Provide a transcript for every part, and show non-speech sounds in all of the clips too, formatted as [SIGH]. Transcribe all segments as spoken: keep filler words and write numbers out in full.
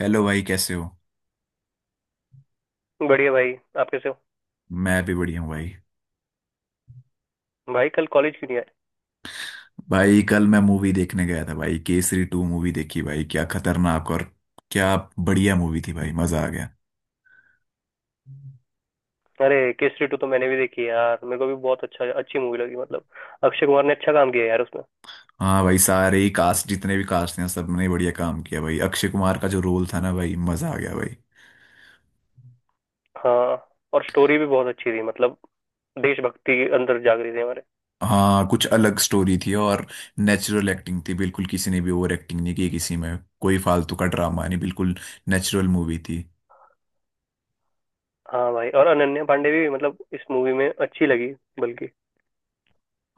Hello भाई, कैसे हो। बढ़िया भाई। आप कैसे हो? मैं भी बढ़िया हूँ भाई। भाई कल कॉलेज क्यों नहीं आए? भाई कल मैं मूवी देखने गया था भाई, केसरी टू मूवी देखी भाई, क्या खतरनाक और क्या बढ़िया मूवी थी भाई, मजा आ गया। अरे केसरी टू तो मैंने भी देखी है यार, मेरे को भी बहुत अच्छा अच्छी मूवी लगी। मतलब अक्षय कुमार ने अच्छा काम किया यार उसमें। हाँ भाई, सारे ही कास्ट, जितने भी कास्ट हैं सबने बढ़िया काम किया भाई, अक्षय कुमार का जो रोल था ना भाई, मजा आ गया भाई। हाँ। और स्टोरी भी बहुत अच्छी थी, मतलब देशभक्ति के अंदर जाग रही थी हमारे। हाँ, कुछ अलग स्टोरी थी और नेचुरल एक्टिंग थी, बिल्कुल किसी ने भी ओवर एक्टिंग नहीं की, किसी में कोई फालतू का ड्रामा नहीं, बिल्कुल नेचुरल मूवी थी। हाँ भाई। और अनन्या पांडे भी मतलब इस मूवी में अच्छी लगी, बल्कि।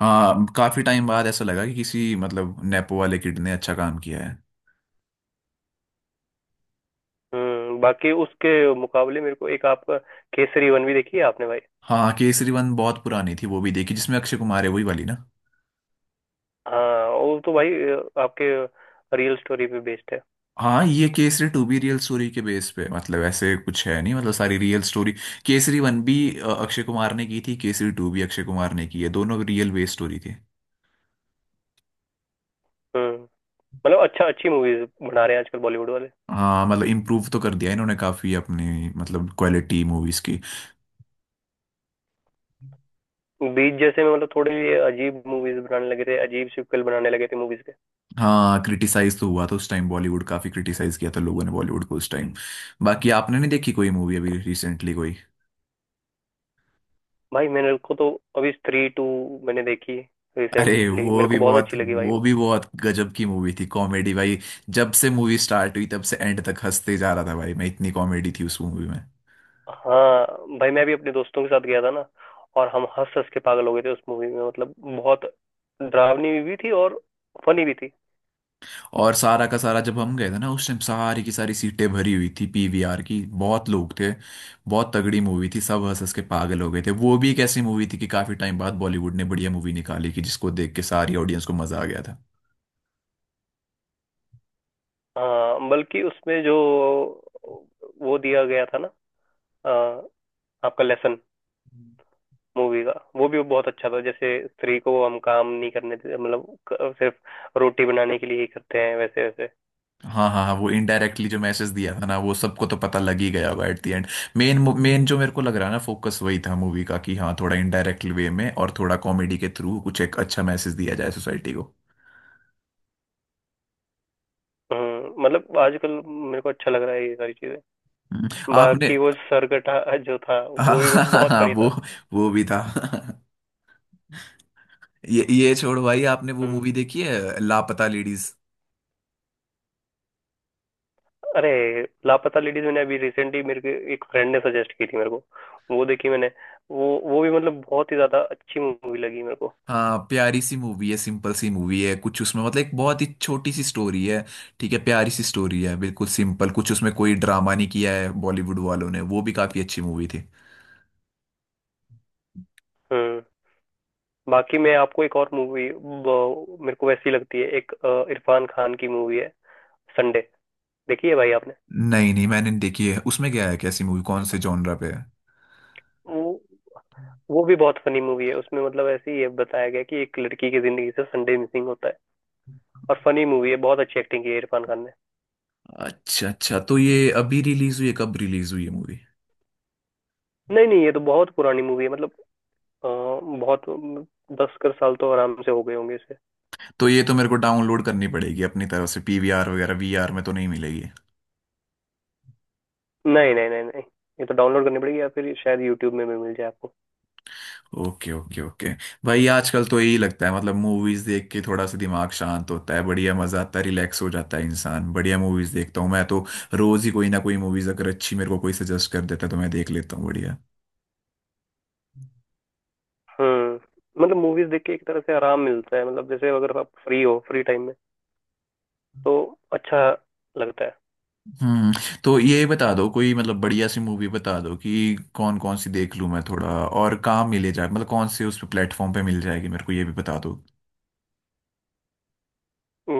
हाँ, काफी टाइम बाद ऐसा लगा कि किसी मतलब नेपो वाले किड ने अच्छा काम किया है। हम्म। बाकी उसके मुकाबले मेरे को एक आपका केसरी वन भी देखी है आपने भाई? हाँ, केसरी वन बहुत पुरानी थी, वो भी देखी, जिसमें अक्षय कुमार है वही वाली ना। हाँ वो तो भाई अ, आपके रियल स्टोरी पे बेस्ड है। हाँ, ये केसरी टू भी रियल स्टोरी के बेस पे, मतलब ऐसे कुछ है नहीं, मतलब सारी रियल स्टोरी। केसरी वन भी अ, अक्षय कुमार ने की थी, केसरी टू भी अक्षय कुमार ने की है, दोनों रियल बेस स्टोरी थी। हम्म। मतलब अच्छा अच्छी मूवीज बना रहे हैं आजकल बॉलीवुड वाले। हाँ, मतलब इम्प्रूव तो कर दिया इन्होंने काफी अपनी मतलब क्वालिटी मूवीज की। बीच जैसे में मतलब थोड़े ये अजीब मूवीज बनाने लगे थे, अजीब सिक्वल बनाने लगे थे मूवीज के। हाँ, क्रिटिसाइज तो हुआ था उस टाइम, बॉलीवुड काफी क्रिटिसाइज किया था लोगों ने बॉलीवुड को उस टाइम। बाकी आपने नहीं देखी कोई मूवी अभी रिसेंटली कोई। भाई मैंने को तो अभी स्त्री टू मैंने देखी अरे रिसेंटली, वो मेरे भी को बहुत बहुत, अच्छी लगी भाई वो वो। भी बहुत गजब की मूवी थी कॉमेडी भाई। जब से मूवी स्टार्ट हुई तब से एंड तक हंसते जा रहा था भाई मैं, इतनी कॉमेडी थी उस मूवी में। हाँ भाई मैं भी अपने दोस्तों के साथ गया था ना, और हम हंस हंस के पागल हो गए थे उस मूवी में। मतलब बहुत डरावनी भी थी और फनी भी थी। और सारा का सारा, जब हम गए थे ना उस टाइम सारी की सारी सीटें भरी हुई थी पी वी आर की, बहुत लोग थे। बहुत तगड़ी मूवी थी, सब हंस हंस के पागल हो गए थे, वो भी एक ऐसी मूवी थी कि काफी टाइम बाद बॉलीवुड ने बढ़िया मूवी निकाली कि जिसको देख के सारी ऑडियंस को मजा आ गया था। हाँ बल्कि उसमें जो वो दिया गया था ना अ, आपका लेसन मूवी का वो भी बहुत अच्छा था। जैसे स्त्री को हम काम नहीं करने देते मतलब क- सिर्फ रोटी बनाने के लिए ही करते हैं वैसे वैसे। हाँ हाँ हाँ, वो इनडायरेक्टली जो मैसेज दिया था ना, वो सबको तो पता लग ही गया होगा at the end. Main main जो मेरे को लग रहा है ना, फोकस वही था मूवी का कि हाँ, थोड़ा इनडायरेक्ट वे में और थोड़ा कॉमेडी के थ्रू कुछ एक अच्छा मैसेज दिया जाए सोसाइटी को। हम्म। मतलब आजकल मेरे को अच्छा लग रहा है ये सारी चीजें। हम्म, बाकी आपने वो सरगटा जो था [LAUGHS] वो भी बहुत हाँ फनी वो था। वो भी था। [LAUGHS] ये ये छोड़ भाई, आपने वो मूवी हम्म। देखी है लापता लेडीज। अरे लापता लेडीज मैंने अभी रिसेंटली, मेरे को एक फ्रेंड ने सजेस्ट की थी मेरे को, वो देखी मैंने। वो वो भी मतलब बहुत ही ज्यादा अच्छी मूवी लगी मेरे को। हाँ, प्यारी सी मूवी है, सिंपल सी मूवी है, कुछ उसमें मतलब एक बहुत ही छोटी सी स्टोरी है। ठीक है, प्यारी सी स्टोरी है, बिल्कुल सिंपल, कुछ उसमें कोई ड्रामा नहीं किया है बॉलीवुड वालों ने, वो भी काफी अच्छी मूवी थी। हम्म। बाकी मैं आपको एक और मूवी, मेरे को वैसी लगती है, एक अ, इरफान खान की मूवी है, संडे, देखी है भाई आपने? नहीं नहीं, मैंने देखी है, उसमें क्या है, कैसी मूवी, कौन से जॉनरा पे है। वो वो भी बहुत फनी मूवी है उसमें मतलब। ऐसे ही है, बताया गया कि एक लड़की की जिंदगी से संडे मिसिंग होता है और फनी मूवी है, बहुत अच्छी एक्टिंग की है इरफान खान ने। अच्छा अच्छा, तो ये अभी रिलीज हुई है, कब रिलीज हुई है मूवी। नहीं नहीं, ये तो बहुत पुरानी मूवी है मतलब। अ, बहुत दस कर साल तो आराम से हो गए होंगे इसे। तो ये तो मेरे को डाउनलोड करनी पड़ेगी अपनी तरफ से, पी वी आर वगैरह वीआर में तो नहीं मिलेगी। नहीं नहीं नहीं नहीं, ये तो डाउनलोड करनी पड़ेगी या फिर शायद यूट्यूब में भी मिल जाए आपको। Okay okay okay. भाई आजकल तो यही लगता है, मतलब मूवीज देख के थोड़ा सा दिमाग शांत होता है, बढ़िया मजा आता है, रिलैक्स हो जाता है इंसान, बढ़िया मूवीज देखता हूँ मैं तो। रोज ही कोई ना कोई मूवीज अगर अच्छी मेरे को कोई सजेस्ट कर देता है तो मैं देख लेता हूँ बढ़िया। हम्म। मतलब मूवीज देख के एक तरह से आराम मिलता है, मतलब जैसे अगर आप फ्री हो फ्री टाइम में तो अच्छा लगता है। हम्म। तो ये बता दो कोई मतलब बढ़िया सी मूवी बता दो कि कौन कौन सी देख लूँ मैं, थोड़ा और कहाँ मिले जाए, मतलब कौन से उस प्लेटफॉर्म पे मिल जाएगी मेरे को ये भी बता दो।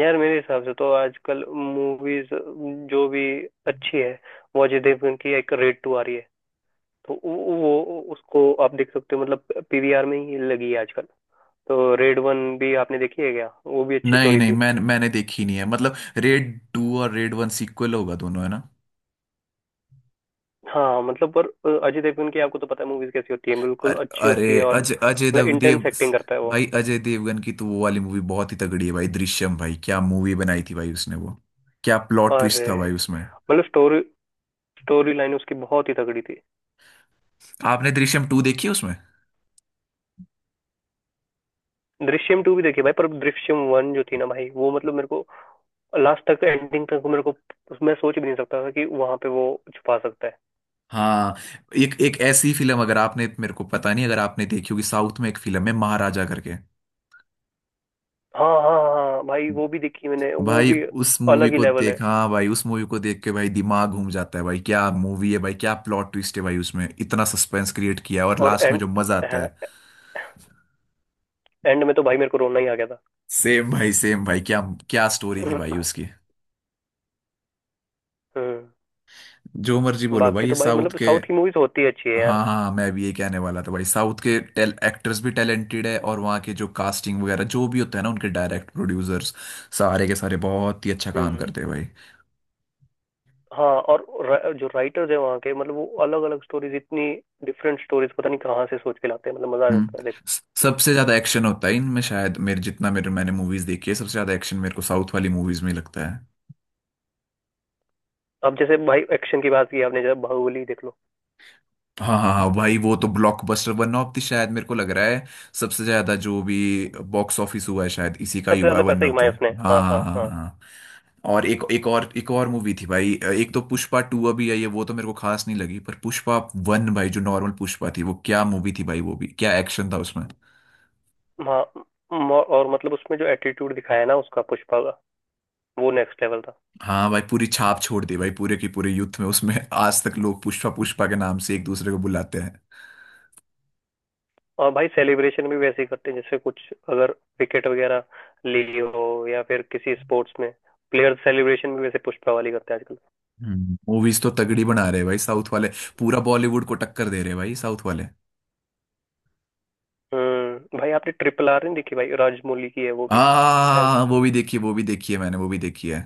यार मेरे हिसाब से तो आजकल मूवीज जो भी अच्छी है, वो अजय देवगन की एक रेड टू आ रही है, तो वो वो- उसको आप देख सकते हो, मतलब पीवीआर में ही लगी है आजकल। तो रेड वन भी आपने देखी है क्या? वो भी अच्छी नहीं स्टोरी नहीं, थी। मैं मैंने देखी नहीं है, मतलब रेड टू और रेड वन सीक्वल होगा दोनों, है ना। हाँ मतलब पर अ, अजय देवगन की आपको तो पता है मूवीज कैसी होती है, बिल्कुल अर- अच्छी होती अरे है और अजय अजय मतलब देव देव। इंटेंस एक्टिंग करता है वो। भाई अजय देवगन की तो वो वाली मूवी बहुत ही तगड़ी है भाई, दृश्यम भाई, क्या मूवी बनाई थी भाई उसने, वो क्या प्लॉट और ट्विस्ट था अ, भाई उसमें। मतलब स्टोरी स्टोरी लाइन उसकी बहुत ही तगड़ी थी। आपने दृश्यम टू देखी है उसमें। दृश्यम टू भी देखी भाई, पर दृश्यम वन जो थी ना भाई वो मतलब, मेरे को लास्ट तक एंडिंग तक, मेरे को मैं सोच भी नहीं सकता था कि वहां पे वो छुपा सकता है। हाँ, एक एक ऐसी फिल्म, अगर आपने मेरे को पता नहीं अगर आपने देखी होगी, साउथ में एक फिल्म है महाराजा करके हाँ हाँ हाँ भाई, वो भी देखी मैंने वो भाई, भी। उस मूवी अलग ही को लेवल है। देखा। हाँ भाई, उस मूवी को देख के भाई दिमाग घूम जाता है भाई, क्या मूवी है भाई, क्या प्लॉट ट्विस्ट है भाई उसमें, इतना सस्पेंस क्रिएट किया है और और लास्ट में एंड जो मजा आता है। एंड में तो भाई मेरे को रोना ही आ गया था। सेम भाई, सेम भाई, क्या क्या स्टोरी थी भाई उसकी। हम्म। जो मर्जी बोलो भाई, बाकी ये तो भाई साउथ मतलब के। साउथ की मूवीज होती है अच्छी है हाँ यार। हाँ, मैं भी ये कहने वाला था भाई, साउथ के टेल एक्टर्स भी टैलेंटेड है, और वहाँ के जो कास्टिंग वगैरह जो भी होता है ना, उनके डायरेक्ट प्रोड्यूसर्स सारे के सारे बहुत ही अच्छा काम हम्म। करते हैं भाई। हाँ और रा, जो राइटर्स है वहाँ के मतलब वो अलग अलग स्टोरीज इतनी डिफरेंट स्टोरीज पता नहीं कहाँ से सोच के लाते हैं, मतलब मजा आ हम्म। जाता है स- देखने में। सबसे ज्यादा एक्शन होता है इनमें शायद, मेरे जितना मेरे मैंने मूवीज देखी है, सबसे ज्यादा एक्शन मेरे को साउथ वाली मूवीज में लगता है। अब जैसे भाई एक्शन की बात की आपने, जैसे बाहुबली देख लो। हाँ हाँ हाँ भाई, वो तो ब्लॉकबस्टर, वन ऑफ द, शायद मेरे को लग रहा है सबसे ज्यादा जो भी बॉक्स ऑफिस हुआ है शायद इसी का ही सबसे हुआ है, ज्यादा वन पैसे ऑफ द। कमाए उसने, हाँ हाँ हाँ हाँ हाँ हाँ हाँ। हाँ। और एक एक और एक और मूवी थी भाई, एक तो पुष्पा टू अभी आई है वो तो मेरे को खास नहीं लगी, पर पुष्पा वन भाई, जो नॉर्मल पुष्पा थी, वो क्या मूवी थी भाई, वो भी क्या एक्शन था उसमें। हाँ। म- और मतलब उसमें जो एटीट्यूड दिखाया है ना उसका पुष्पा का, वो नेक्स्ट लेवल था। हाँ भाई, पूरी छाप छोड़ दी भाई पूरे की पूरे यूथ में, उसमें आज तक लोग पुष्पा पुष्पा के नाम से एक दूसरे को बुलाते हैं। और भाई सेलिब्रेशन भी वैसे ही करते हैं, जैसे कुछ अगर विकेट वगैरह ले ली हो या फिर किसी स्पोर्ट्स में, प्लेयर सेलिब्रेशन भी वैसे पुष्पा वाली करते हैं आजकल। मूवीज तो तगड़ी बना रहे हैं भाई साउथ वाले, पूरा बॉलीवुड को टक्कर दे रहे हैं भाई साउथ वाले। हम्म। भाई आपने ट्रिपल आर नहीं देखी भाई? राजमौली की है वो भी शायद। हाँ, वो भी देखी है, वो भी देखी है मैंने, वो भी देखी है।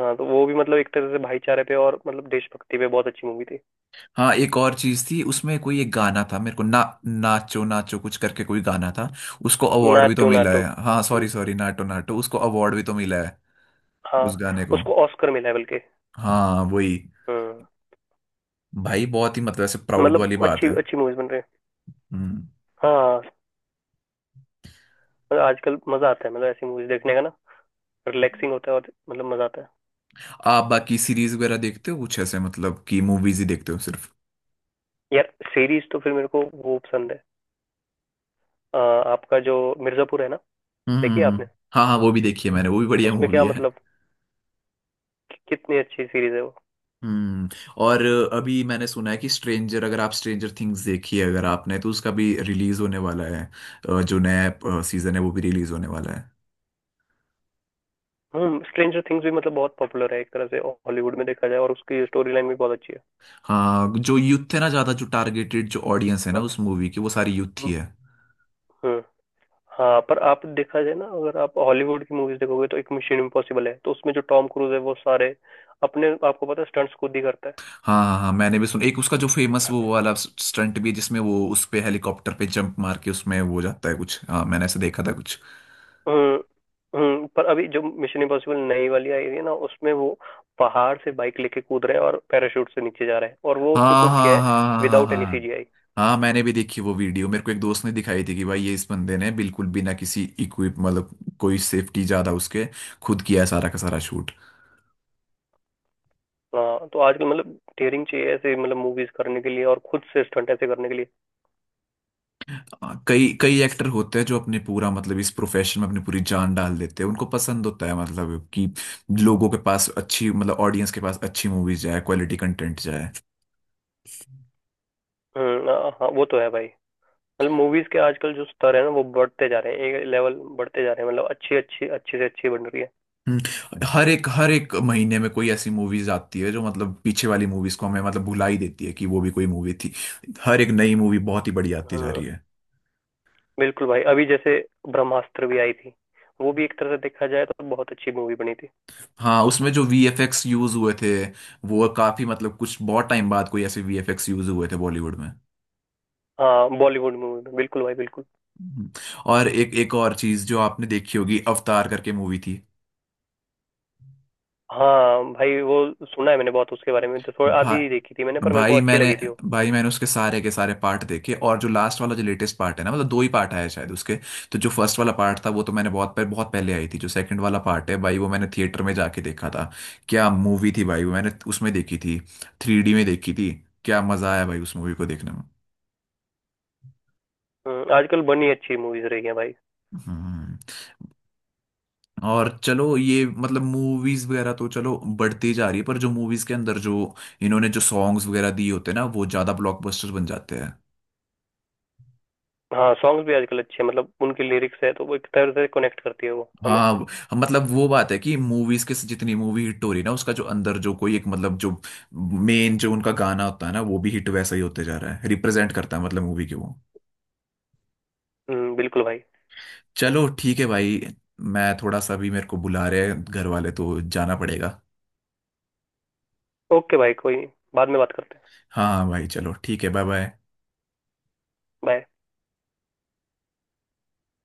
हाँ तो वो भी मतलब एक तरह से भाईचारे पे और मतलब देशभक्ति पे बहुत अच्छी मूवी थी। हाँ, एक और चीज थी उसमें, कोई एक गाना था मेरे को, ना, नाचो नाचो कुछ करके कोई गाना था, उसको अवार्ड भी तो नाटू मिला नाटू। है। हाँ हम्म। सॉरी सॉरी, नाटो नाटो, उसको अवार्ड भी तो मिला है, हाँ उस गाने को। उसको ऑस्कर मिला है बल्कि। हाँ वही। हम्म। भाई बहुत ही मतलब ऐसे प्राउड वाली मतलब बात अच्छी है। अच्छी मूवीज बन रही है। हम्म। हाँ मतलब आजकल मजा आता है मतलब ऐसी मूवीज देखने का ना, रिलैक्सिंग होता है और मतलब मजा आता है। आप बाकी सीरीज वगैरह देखते हो कुछ ऐसे, मतलब कि मूवीज ही देखते हो सिर्फ। यार सीरीज तो फिर मेरे को वो पसंद है, अ, आपका जो मिर्जापुर है ना, हम्म हम्म, देखिए आपने? हम्म। हाँ हाँ, वो भी देखी है मैंने, वो भी बढ़िया उसमें मूवी क्या है। मतलब, कि- कितनी अच्छी सीरीज है वो। हम्म। और अभी मैंने सुना है कि स्ट्रेंजर, अगर आप स्ट्रेंजर थिंग्स देखी है अगर आपने, तो उसका भी रिलीज होने वाला है, अ, जो नया सीजन है वो भी रिलीज होने वाला है। हम्म। स्ट्रेंजर थिंग्स भी मतलब बहुत पॉपुलर है एक तरह से हॉलीवुड में देखा जाए, और उसकी स्टोरी लाइन भी बहुत अच्छी है। हाँ, जो यूथ है ना, ज्यादा जो टारगेटेड जो ऑडियंस है ना बाकी। उस मूवी की, वो सारी यूथ हम्म। ही है। हम्म, हाँ पर आप देखा जाए ना, अगर आप हॉलीवुड की मूवीज देखोगे तो एक मिशन इम्पॉसिबल है, तो उसमें जो टॉम क्रूज है वो सारे अपने आपको पता है स्टंट्स खुद ही करता है। हाँ हाँ हाँ, मैंने भी सुना एक उसका जो फेमस वो वाला स्टंट भी है, जिसमें वो उस पे हेलीकॉप्टर पे जंप मार के उसमें वो हो जाता है कुछ, हाँ मैंने ऐसे देखा था कुछ। हम्म। हम्म, पर अभी जो मिशन इम्पॉसिबल नई वाली आई हुई है ना उसमें, वो पहाड़ से बाइक लेके कूद रहे हैं और पैराशूट से नीचे जा रहे हैं, और वो उसने हाँ खुद किया हाँ है हाँ हाँ हाँ विदाउट एनी हाँ। सीजीआई। हाँ मैंने भी देखी वो वीडियो, मेरे को एक दोस्त ने दिखाई थी कि भाई ये इस बंदे ने बिल्कुल बिना किसी इक्विप मतलब, कोई सेफ्टी ज्यादा उसके, खुद किया है सारा का सारा शूट। हाँ तो आजकल मतलब डेयरिंग चाहिए ऐसे मतलब मूवीज करने के लिए और खुद से स्टंट ऐसे करने के लिए। हाँ, कई कई एक्टर होते हैं जो अपने पूरा, मतलब इस प्रोफेशन में अपनी पूरी जान डाल देते हैं, उनको पसंद होता है मतलब कि लोगों के पास अच्छी मतलब ऑडियंस के पास अच्छी मूवीज जाए, क्वालिटी कंटेंट जाए। हम्म। हाँ हाँ, वो तो है भाई। मतलब मूवीज के आजकल जो स्तर है ना वो बढ़ते जा रहे हैं, एक लेवल बढ़ते जा रहे हैं, मतलब अच्छी अच्छी अच्छी से अच्छी बन रही है। हम्म, हर एक हर एक महीने में कोई ऐसी मूवीज आती है जो मतलब पीछे वाली मूवीज को हमें मतलब भुला ही देती है कि वो भी कोई मूवी थी, हर एक नई मूवी बहुत ही बढ़िया आती जा हम्म। रही है। बिल्कुल भाई, अभी जैसे ब्रह्मास्त्र भी आई थी, वो भी एक तरह से देखा जाए तो बहुत अच्छी मूवी बनी थी। हाँ, उसमें जो वी एफ एक्स यूज हुए थे, वो काफी, मतलब कुछ बहुत टाइम बाद कोई ऐसे वी एफ एक्स यूज हुए थे बॉलीवुड में। हाँ बॉलीवुड मूवी में बिल्कुल भाई बिल्कुल। हम्म। और एक एक और चीज, जो आपने देखी होगी, अवतार करके मूवी थी। हाँ भाई वो सुना है मैंने बहुत उसके बारे में, तो थोड़ा भा, आधी ही देखी थी मैंने, पर मेरे को भाई अच्छी मैंने लगी थी वो। भाई मैंने उसके सारे के सारे पार्ट देखे, और जो लास्ट वाला जो लेटेस्ट पार्ट है ना, मतलब दो ही पार्ट आया शायद उसके, तो जो फर्स्ट वाला पार्ट था वो तो मैंने बहुत पह- बहुत पहले आई थी, जो सेकंड वाला पार्ट है भाई वो मैंने थिएटर में जाके देखा था, क्या मूवी थी भाई, वो मैंने उसमें देखी थी, थ्री डी में देखी थी, क्या मजा आया भाई उस मूवी को देखने में। हम्म, आजकल बनी अच्छी मूवीज रही है भाई। हम्म, और चलो ये मतलब मूवीज वगैरह तो चलो बढ़ती जा रही है, पर जो मूवीज के अंदर जो इन्होंने जो सॉन्ग्स वगैरह दिए होते हैं ना, वो ज्यादा ब्लॉकबस्टर बन जाते हैं। हाँ सॉन्ग्स भी आजकल अच्छे हैं, मतलब उनकी लिरिक्स है तो वो एक तरह से कनेक्ट करती है वो हमें। हाँ वो- मतलब वो बात है कि मूवीज के, जितनी मूवी हिट हो रही है ना, उसका जो अंदर जो कोई एक मतलब जो मेन जो उनका गाना होता है ना, वो भी हिट वैसा ही होते जा रहा है, रिप्रेजेंट करता है मतलब मूवी की वो। हम्म, बिल्कुल भाई। चलो ठीक है भाई, मैं थोड़ा सा भी, मेरे को बुला रहे हैं घर वाले, तो जाना पड़ेगा। ओके भाई कोई नहीं, बाद में बात करते हैं। हाँ हाँ भाई, चलो ठीक है, बाय बाय। बाय।